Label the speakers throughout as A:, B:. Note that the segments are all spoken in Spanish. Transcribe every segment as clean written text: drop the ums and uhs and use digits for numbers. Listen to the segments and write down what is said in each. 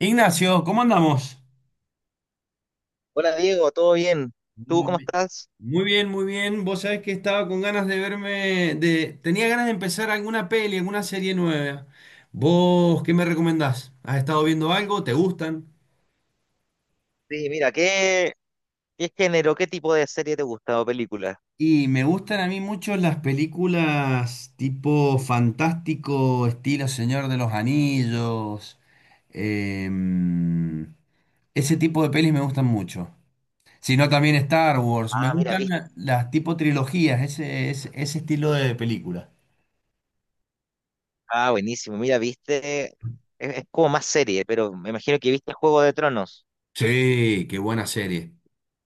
A: Ignacio, ¿cómo andamos?
B: Hola Diego, ¿todo bien? ¿Tú
A: Mm.
B: cómo estás?
A: Muy bien, muy bien. Vos sabés que estaba con ganas de verme, tenía ganas de empezar alguna peli, alguna serie nueva. ¿Vos qué me recomendás? ¿Has estado viendo algo? ¿Te gustan?
B: Sí, mira, ¿qué género, qué tipo de serie te gusta o película?
A: Y me gustan a mí mucho las películas tipo fantástico, estilo Señor de los Anillos. em, ese tipo de pelis me gustan mucho. Sino también Star Wars. Me
B: Ah, mira,
A: gustan
B: viste.
A: las tipo trilogías, ese estilo de película.
B: Ah, buenísimo. Mira, viste. Es como más serie, pero me imagino que viste Juego de Tronos.
A: Sí, qué buena serie.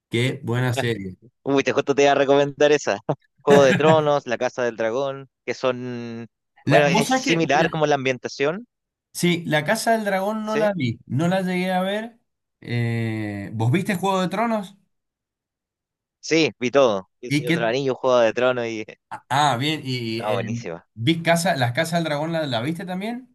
A: Qué buena serie.
B: Uy, te justo te iba a recomendar esa. Juego de Tronos, La Casa del Dragón, que son.
A: La,
B: Bueno,
A: vos
B: es
A: sabés que,
B: similar
A: mira,
B: como la ambientación,
A: sí, La Casa del Dragón no la
B: ¿sí?
A: vi, no la llegué a ver. ¿Vos viste Juego de Tronos?
B: Sí, vi todo. El
A: ¿Y
B: Señor de
A: qué?
B: los Anillos, Juego de Tronos y.
A: Ah, bien, y
B: No, buenísima.
A: Las Casas del Dragón, ¿la viste también?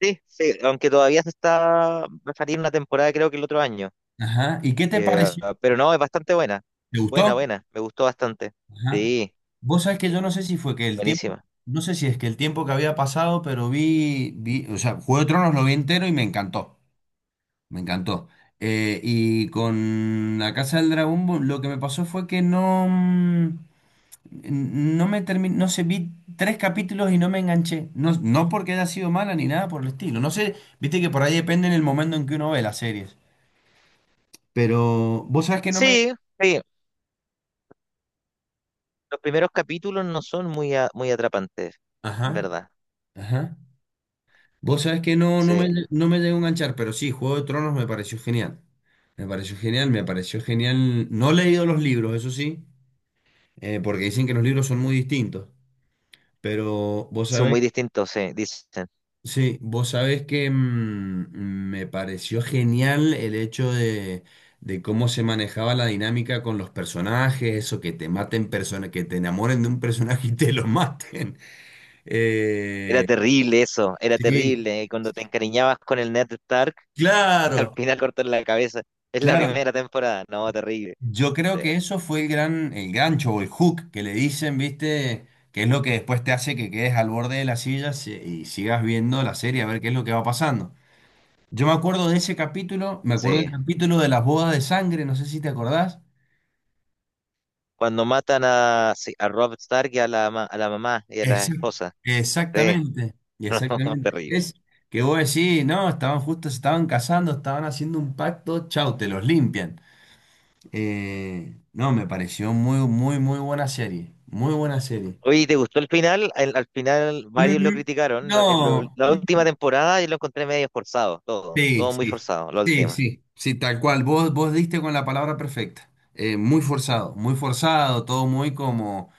B: Sí, sí, aunque todavía se está. Va a salir una temporada, creo que el otro año.
A: Ajá. ¿Y qué te pareció?
B: Pero no, es bastante buena.
A: ¿Te
B: Buena,
A: gustó?
B: buena. Me gustó bastante.
A: Ajá.
B: Sí,
A: Vos sabés que yo no sé si fue que el tiempo,
B: buenísima.
A: no sé si es que el tiempo que había pasado, pero vi, o sea, Juego de Tronos lo vi entero y me encantó, me encantó. Y con La Casa del Dragón lo que me pasó fue que no, no me terminé, no sé, vi tres capítulos y no me enganché. No, no porque haya sido mala ni nada por el estilo. No sé, viste que por ahí depende en el momento en que uno ve las series. Pero vos sabés que no me.
B: Sí, sí. Los primeros capítulos no son muy, muy atrapantes, ¿en
A: Ajá,
B: verdad?
A: ajá. Vos sabés que no, no me,
B: Sí.
A: no me llegó a enganchar, pero sí, Juego de Tronos me pareció genial. Me pareció genial, me pareció genial. No he leído los libros, eso sí, porque dicen que los libros son muy distintos. Pero vos
B: Son
A: sabés,
B: muy distintos, sí, dicen.
A: sí, vos sabés que me pareció genial el hecho de, cómo se manejaba la dinámica con los personajes, eso, que te maten personas, que te enamoren de un personaje y te lo maten.
B: Era
A: Eh,
B: terrible eso, era
A: sí,
B: terrible. Cuando te encariñabas con el Ned Stark, al
A: claro,
B: final cortan la cabeza. Es la
A: claro.
B: primera temporada. No, terrible.
A: Yo creo
B: Sí,
A: que eso fue el gran, el gancho o el hook que le dicen, ¿viste? Que es lo que después te hace que quedes al borde de la silla y sigas viendo la serie a ver qué es lo que va pasando. Yo me acuerdo de ese capítulo, me acuerdo
B: sí.
A: del capítulo de las bodas de sangre, no sé si te acordás.
B: Cuando matan a, sí, a Robb Stark y a la, a la mamá y a la
A: Esa-
B: esposa. Sí.
A: Exactamente,
B: No,
A: exactamente.
B: terrible.
A: Es que vos decís, no, estaban justo, se estaban casando, estaban haciendo un pacto, chau, te los limpian. No, me pareció muy, muy, muy buena serie, muy buena serie.
B: Oye, ¿te gustó el final? Al, al final varios lo
A: Mm.
B: criticaron. La,
A: No,
B: la última temporada yo lo encontré medio forzado, todo,
A: sí,
B: todo muy
A: sí,
B: forzado, la
A: sí,
B: última.
A: sí, sí, tal cual. Vos diste con la palabra perfecta. Muy forzado, muy forzado, todo muy como,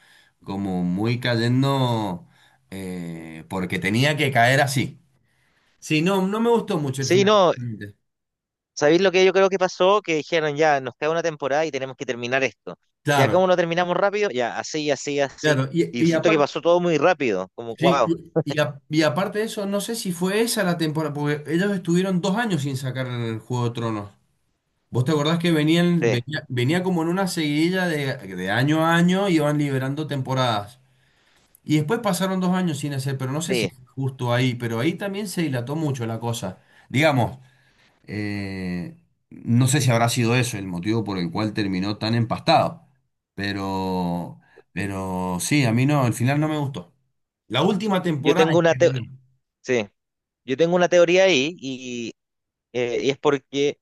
A: como muy cayendo, porque tenía que caer así. Sí, no, no me gustó mucho el
B: Sí,
A: final
B: no,
A: realmente.
B: ¿sabéis lo que yo creo que pasó? Que dijeron, ya, nos queda una temporada y tenemos que terminar esto. Ya,
A: Claro,
B: ¿cómo lo terminamos rápido? Ya, así, así, así.
A: claro. Y,
B: Y
A: y
B: siento que
A: aparte,
B: pasó todo muy rápido, como,
A: sí,
B: wow,
A: y aparte de eso, no sé si fue esa la temporada, porque ellos estuvieron 2 años sin sacar el Juego de Tronos. ¿Vos te acordás que venían,
B: sí,
A: venía, venía como en una seguidilla de, año a año, iban liberando temporadas? Y después pasaron 2 años sin hacer, pero no sé si
B: sí.
A: fue justo ahí, pero ahí también se dilató mucho la cosa. Digamos, eh, no sé si habrá sido eso el motivo por el cual terminó tan empastado, pero, pero sí, a mí no, al final no me gustó. La última
B: Yo
A: temporada
B: tengo
A: en
B: una, teo-
A: general,
B: Sí, yo tengo una teoría ahí y es porque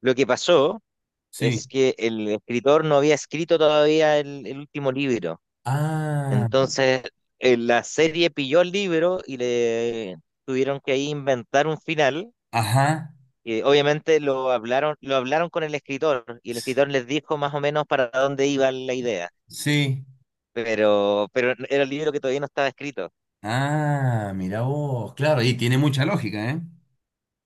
B: lo que pasó
A: sí.
B: es que el escritor no había escrito todavía el último libro.
A: Ah,
B: Entonces, la serie pilló el libro y le tuvieron que ahí inventar un final.
A: ajá,
B: Y obviamente lo hablaron con el escritor y el
A: s-
B: escritor les dijo más o menos para dónde iba la idea.
A: sí.
B: Pero era el libro que todavía no estaba escrito.
A: Ah, mira vos, claro, y tiene mucha lógica, ¿eh?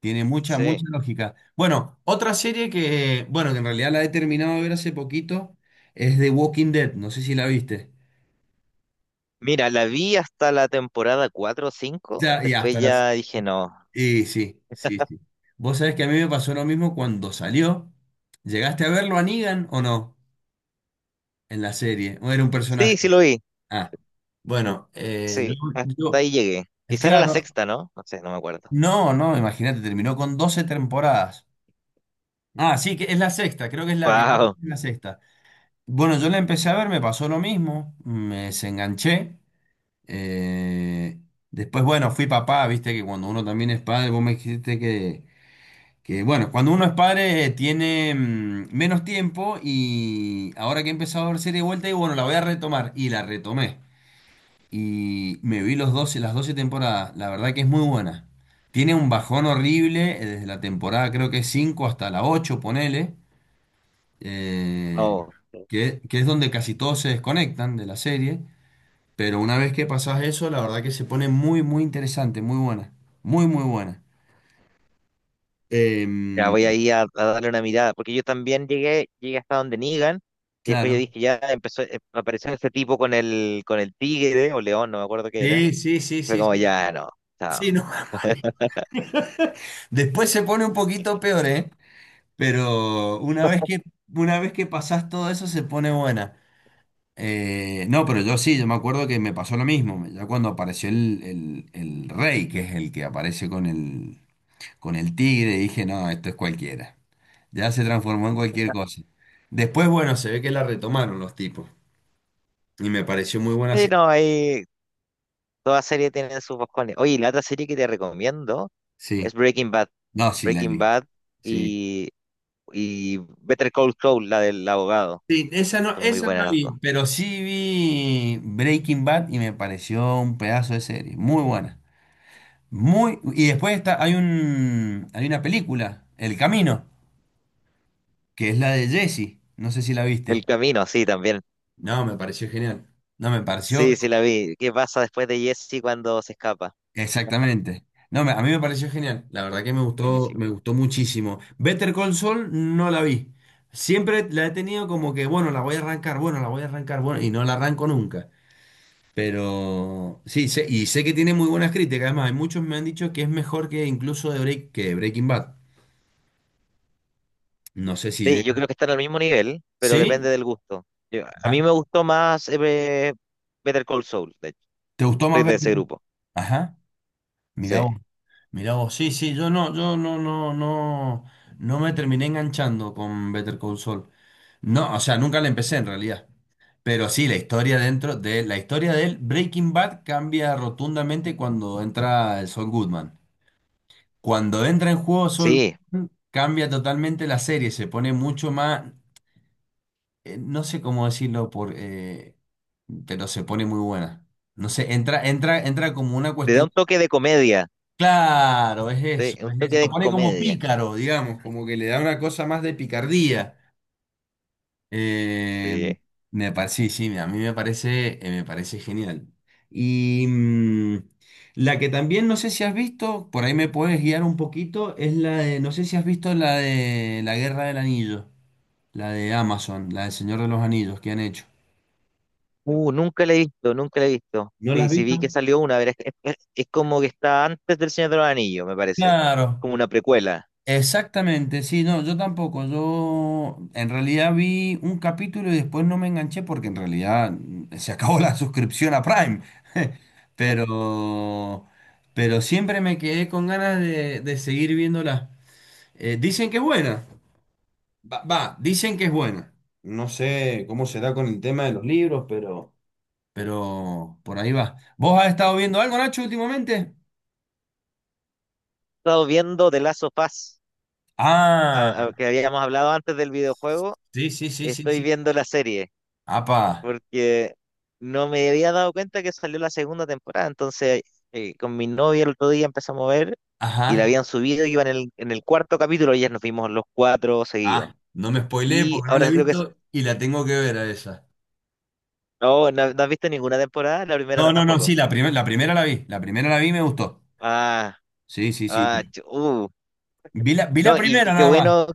A: Tiene mucha, mucha
B: Sí.
A: lógica. Bueno, otra serie que, bueno, que en realidad la he terminado de ver hace poquito, es The Walking Dead, no sé si la viste.
B: Mira, la vi hasta la temporada 4 o cinco.
A: Ya, y
B: Después
A: hasta las.
B: ya dije no.
A: Y sí, sí, sí. Vos sabés que a mí me pasó lo mismo cuando salió. ¿Llegaste a verlo a Negan o no? En la serie, o era un personaje.
B: Sí, sí lo vi.
A: Ah, bueno,
B: Sí, hasta ahí llegué.
A: es
B: Quizá era la
A: claro,
B: sexta, ¿no? No sé, no me acuerdo.
A: no, no, imagínate, terminó con 12 temporadas. Ah, sí, que es la sexta, creo que es
B: Wow.
A: la sexta. Bueno, yo la empecé a ver, me pasó lo mismo, me desenganché. eh, Después, bueno, fui papá, viste que cuando uno también es padre, vos me dijiste que bueno, cuando uno es padre tiene menos tiempo y ahora que he empezado a ver serie de vuelta, y bueno, la voy a retomar. Y la retomé. Y me vi los 12 las 12 temporadas, la verdad que es muy buena. Tiene un bajón horrible desde la temporada, creo que 5 hasta la 8 ponele eh, que es donde casi todos se desconectan de la serie, pero una vez que pasás eso, la verdad que se pone muy, muy interesante, muy buena, muy, muy buena.
B: Ya
A: Em,
B: voy ahí a darle una mirada, porque yo también llegué, llegué hasta donde Negan, y después
A: claro.
B: yo dije, ya empezó, apareció ese tipo con el tigre, o león, no me acuerdo qué era,
A: Sí, sí, sí,
B: fue
A: sí,
B: como,
A: sí.
B: ya, no, chao.
A: Sí, no, vale. Después se pone un poquito peor, ¿eh? Pero una vez que pasás todo eso, se pone buena. No, pero yo sí, yo me acuerdo que me pasó lo mismo. Ya cuando apareció el rey, que es el que aparece con el tigre, dije, no, esto es cualquiera. Ya se transformó en cualquier cosa. Después, bueno, se ve que la retomaron los tipos. Y me pareció muy buena
B: Sí,
A: serie.
B: no, ahí, toda serie tiene sus boscones. Oye, y la otra serie que te recomiendo es
A: Sí,
B: Breaking Bad,
A: no, sí la he
B: Breaking
A: visto.
B: Bad
A: Sí.
B: y, y Better Call Saul, la del abogado,
A: Sí,
B: son muy
A: esa no la
B: buenas las dos.
A: vi, pero sí vi Breaking Bad y me pareció un pedazo de serie. Muy buena. Y después está, hay una película, El Camino, que es la de Jesse. No sé si la
B: El
A: viste.
B: camino, sí, también,
A: No, me pareció genial. No, me pareció
B: sí, sí la vi, ¿qué pasa después de Jesse cuando se escapa?
A: exactamente. No, a mí me pareció genial. La verdad que
B: Buenísimo.
A: me gustó muchísimo. Better Call Saul no la vi. Siempre la he tenido como que, bueno, la voy a arrancar, bueno, la voy a arrancar, bueno, y no la arranco nunca. Pero sí, y sé que tiene muy buenas críticas. Además, hay muchos me han dicho que es mejor que incluso que Breaking Bad. No sé si
B: Sí, yo
A: llega.
B: creo que están al mismo nivel, pero depende
A: ¿Sí?
B: del gusto. A mí
A: Ajá.
B: me gustó más Better Call Saul, de hecho.
A: ¿Te gustó
B: Soy
A: más
B: de
A: Better
B: ese
A: Call Saul?
B: grupo.
A: Ajá. Mirá
B: Sí,
A: Mirá vos, sí, sí, yo no, no, no, no me terminé enganchando con Better Call Saul. No, o sea, nunca la empecé en realidad. Pero sí, la historia dentro de la historia del Breaking Bad cambia rotundamente cuando entra el Saul Goodman. Cuando entra en juego Saul
B: sí.
A: Goodman, cambia totalmente la serie, se pone mucho más, no sé cómo decirlo pero se pone muy buena. No sé, entra como una
B: Le da
A: cuestión.
B: un toque de comedia.
A: Claro, es
B: Sí,
A: eso,
B: un
A: es eso.
B: toque
A: Lo
B: de
A: pone como
B: comedia.
A: pícaro, digamos, como que le da una cosa más de picardía. Eh,
B: Sí.
A: Me parece, sí, sí, a mí me parece genial. Y la que también no sé si has visto, por ahí me puedes guiar un poquito, es la de, no sé si has visto la de La Guerra del Anillo, la de Amazon, la del Señor de los Anillos que han hecho.
B: Nunca la he visto, nunca la he visto.
A: ¿No la
B: Sí,
A: has
B: sí vi que
A: visto?
B: salió una, es como que está antes del Señor de los Anillos, me parece.
A: Claro.
B: Como una precuela.
A: Exactamente, sí, no, yo tampoco. Yo en realidad vi un capítulo y después no me enganché porque en realidad se acabó la suscripción a Prime.
B: He
A: Pero, pero siempre me quedé con ganas de, seguir viéndola. Dicen que es buena. Va, va, dicen que es buena. No sé cómo será con el tema de los libros, pero por ahí va. ¿Vos has estado viendo algo, Nacho, últimamente?
B: estado viendo The Last of Us,
A: Ah,
B: que habíamos hablado antes del videojuego.
A: sí, sí, sí, sí,
B: Estoy
A: sí.
B: viendo la serie.
A: Apa,
B: Porque no me había dado cuenta que salió la segunda temporada. Entonces, con mi novia el otro día empezamos a ver y
A: ajá.
B: la habían subido, iba en el cuarto capítulo y ya nos vimos los cuatro seguidos.
A: Ah, no me spoileé
B: Y
A: porque no la he
B: ahora creo que... es-
A: visto y la tengo que ver a esa.
B: No, no, no has visto ninguna temporada, la
A: No,
B: primera
A: no, no,
B: tampoco.
A: sí, la primera la vi. La primera la vi y me gustó.
B: Ah,
A: Sí, sí, sí.
B: ah, chu- uh.
A: Vi la
B: No,
A: primera
B: y qué
A: nada más.
B: bueno,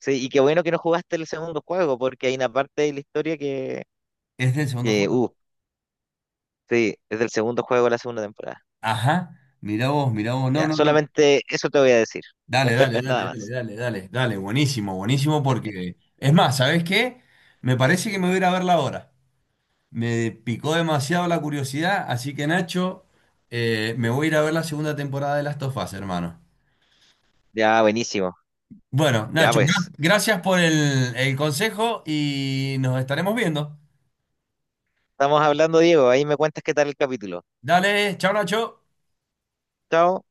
B: sí, y qué bueno que no jugaste el segundo juego, porque hay una parte de la historia que,
A: Es del segundo
B: que
A: juego.
B: uh, sí, es del segundo juego de la segunda temporada.
A: Ajá. Mirá vos, mirá vos. No,
B: Ya,
A: no, no.
B: solamente eso te voy a decir,
A: Dale, dale, dale,
B: nada
A: dale,
B: más.
A: dale, dale, dale. Buenísimo, buenísimo porque. Es más, ¿sabés qué? Me parece que me voy a ir a verla ahora. Me picó demasiado la curiosidad, así que Nacho, me voy a ir a ver la segunda temporada de Last of Us, hermano.
B: Ya, buenísimo.
A: Bueno,
B: Ya
A: Nacho, gra-
B: pues,
A: gracias por el, consejo y nos estaremos viendo.
B: estamos hablando, Diego. Ahí me cuentas qué tal el capítulo.
A: Dale, chao, Nacho.
B: Chao.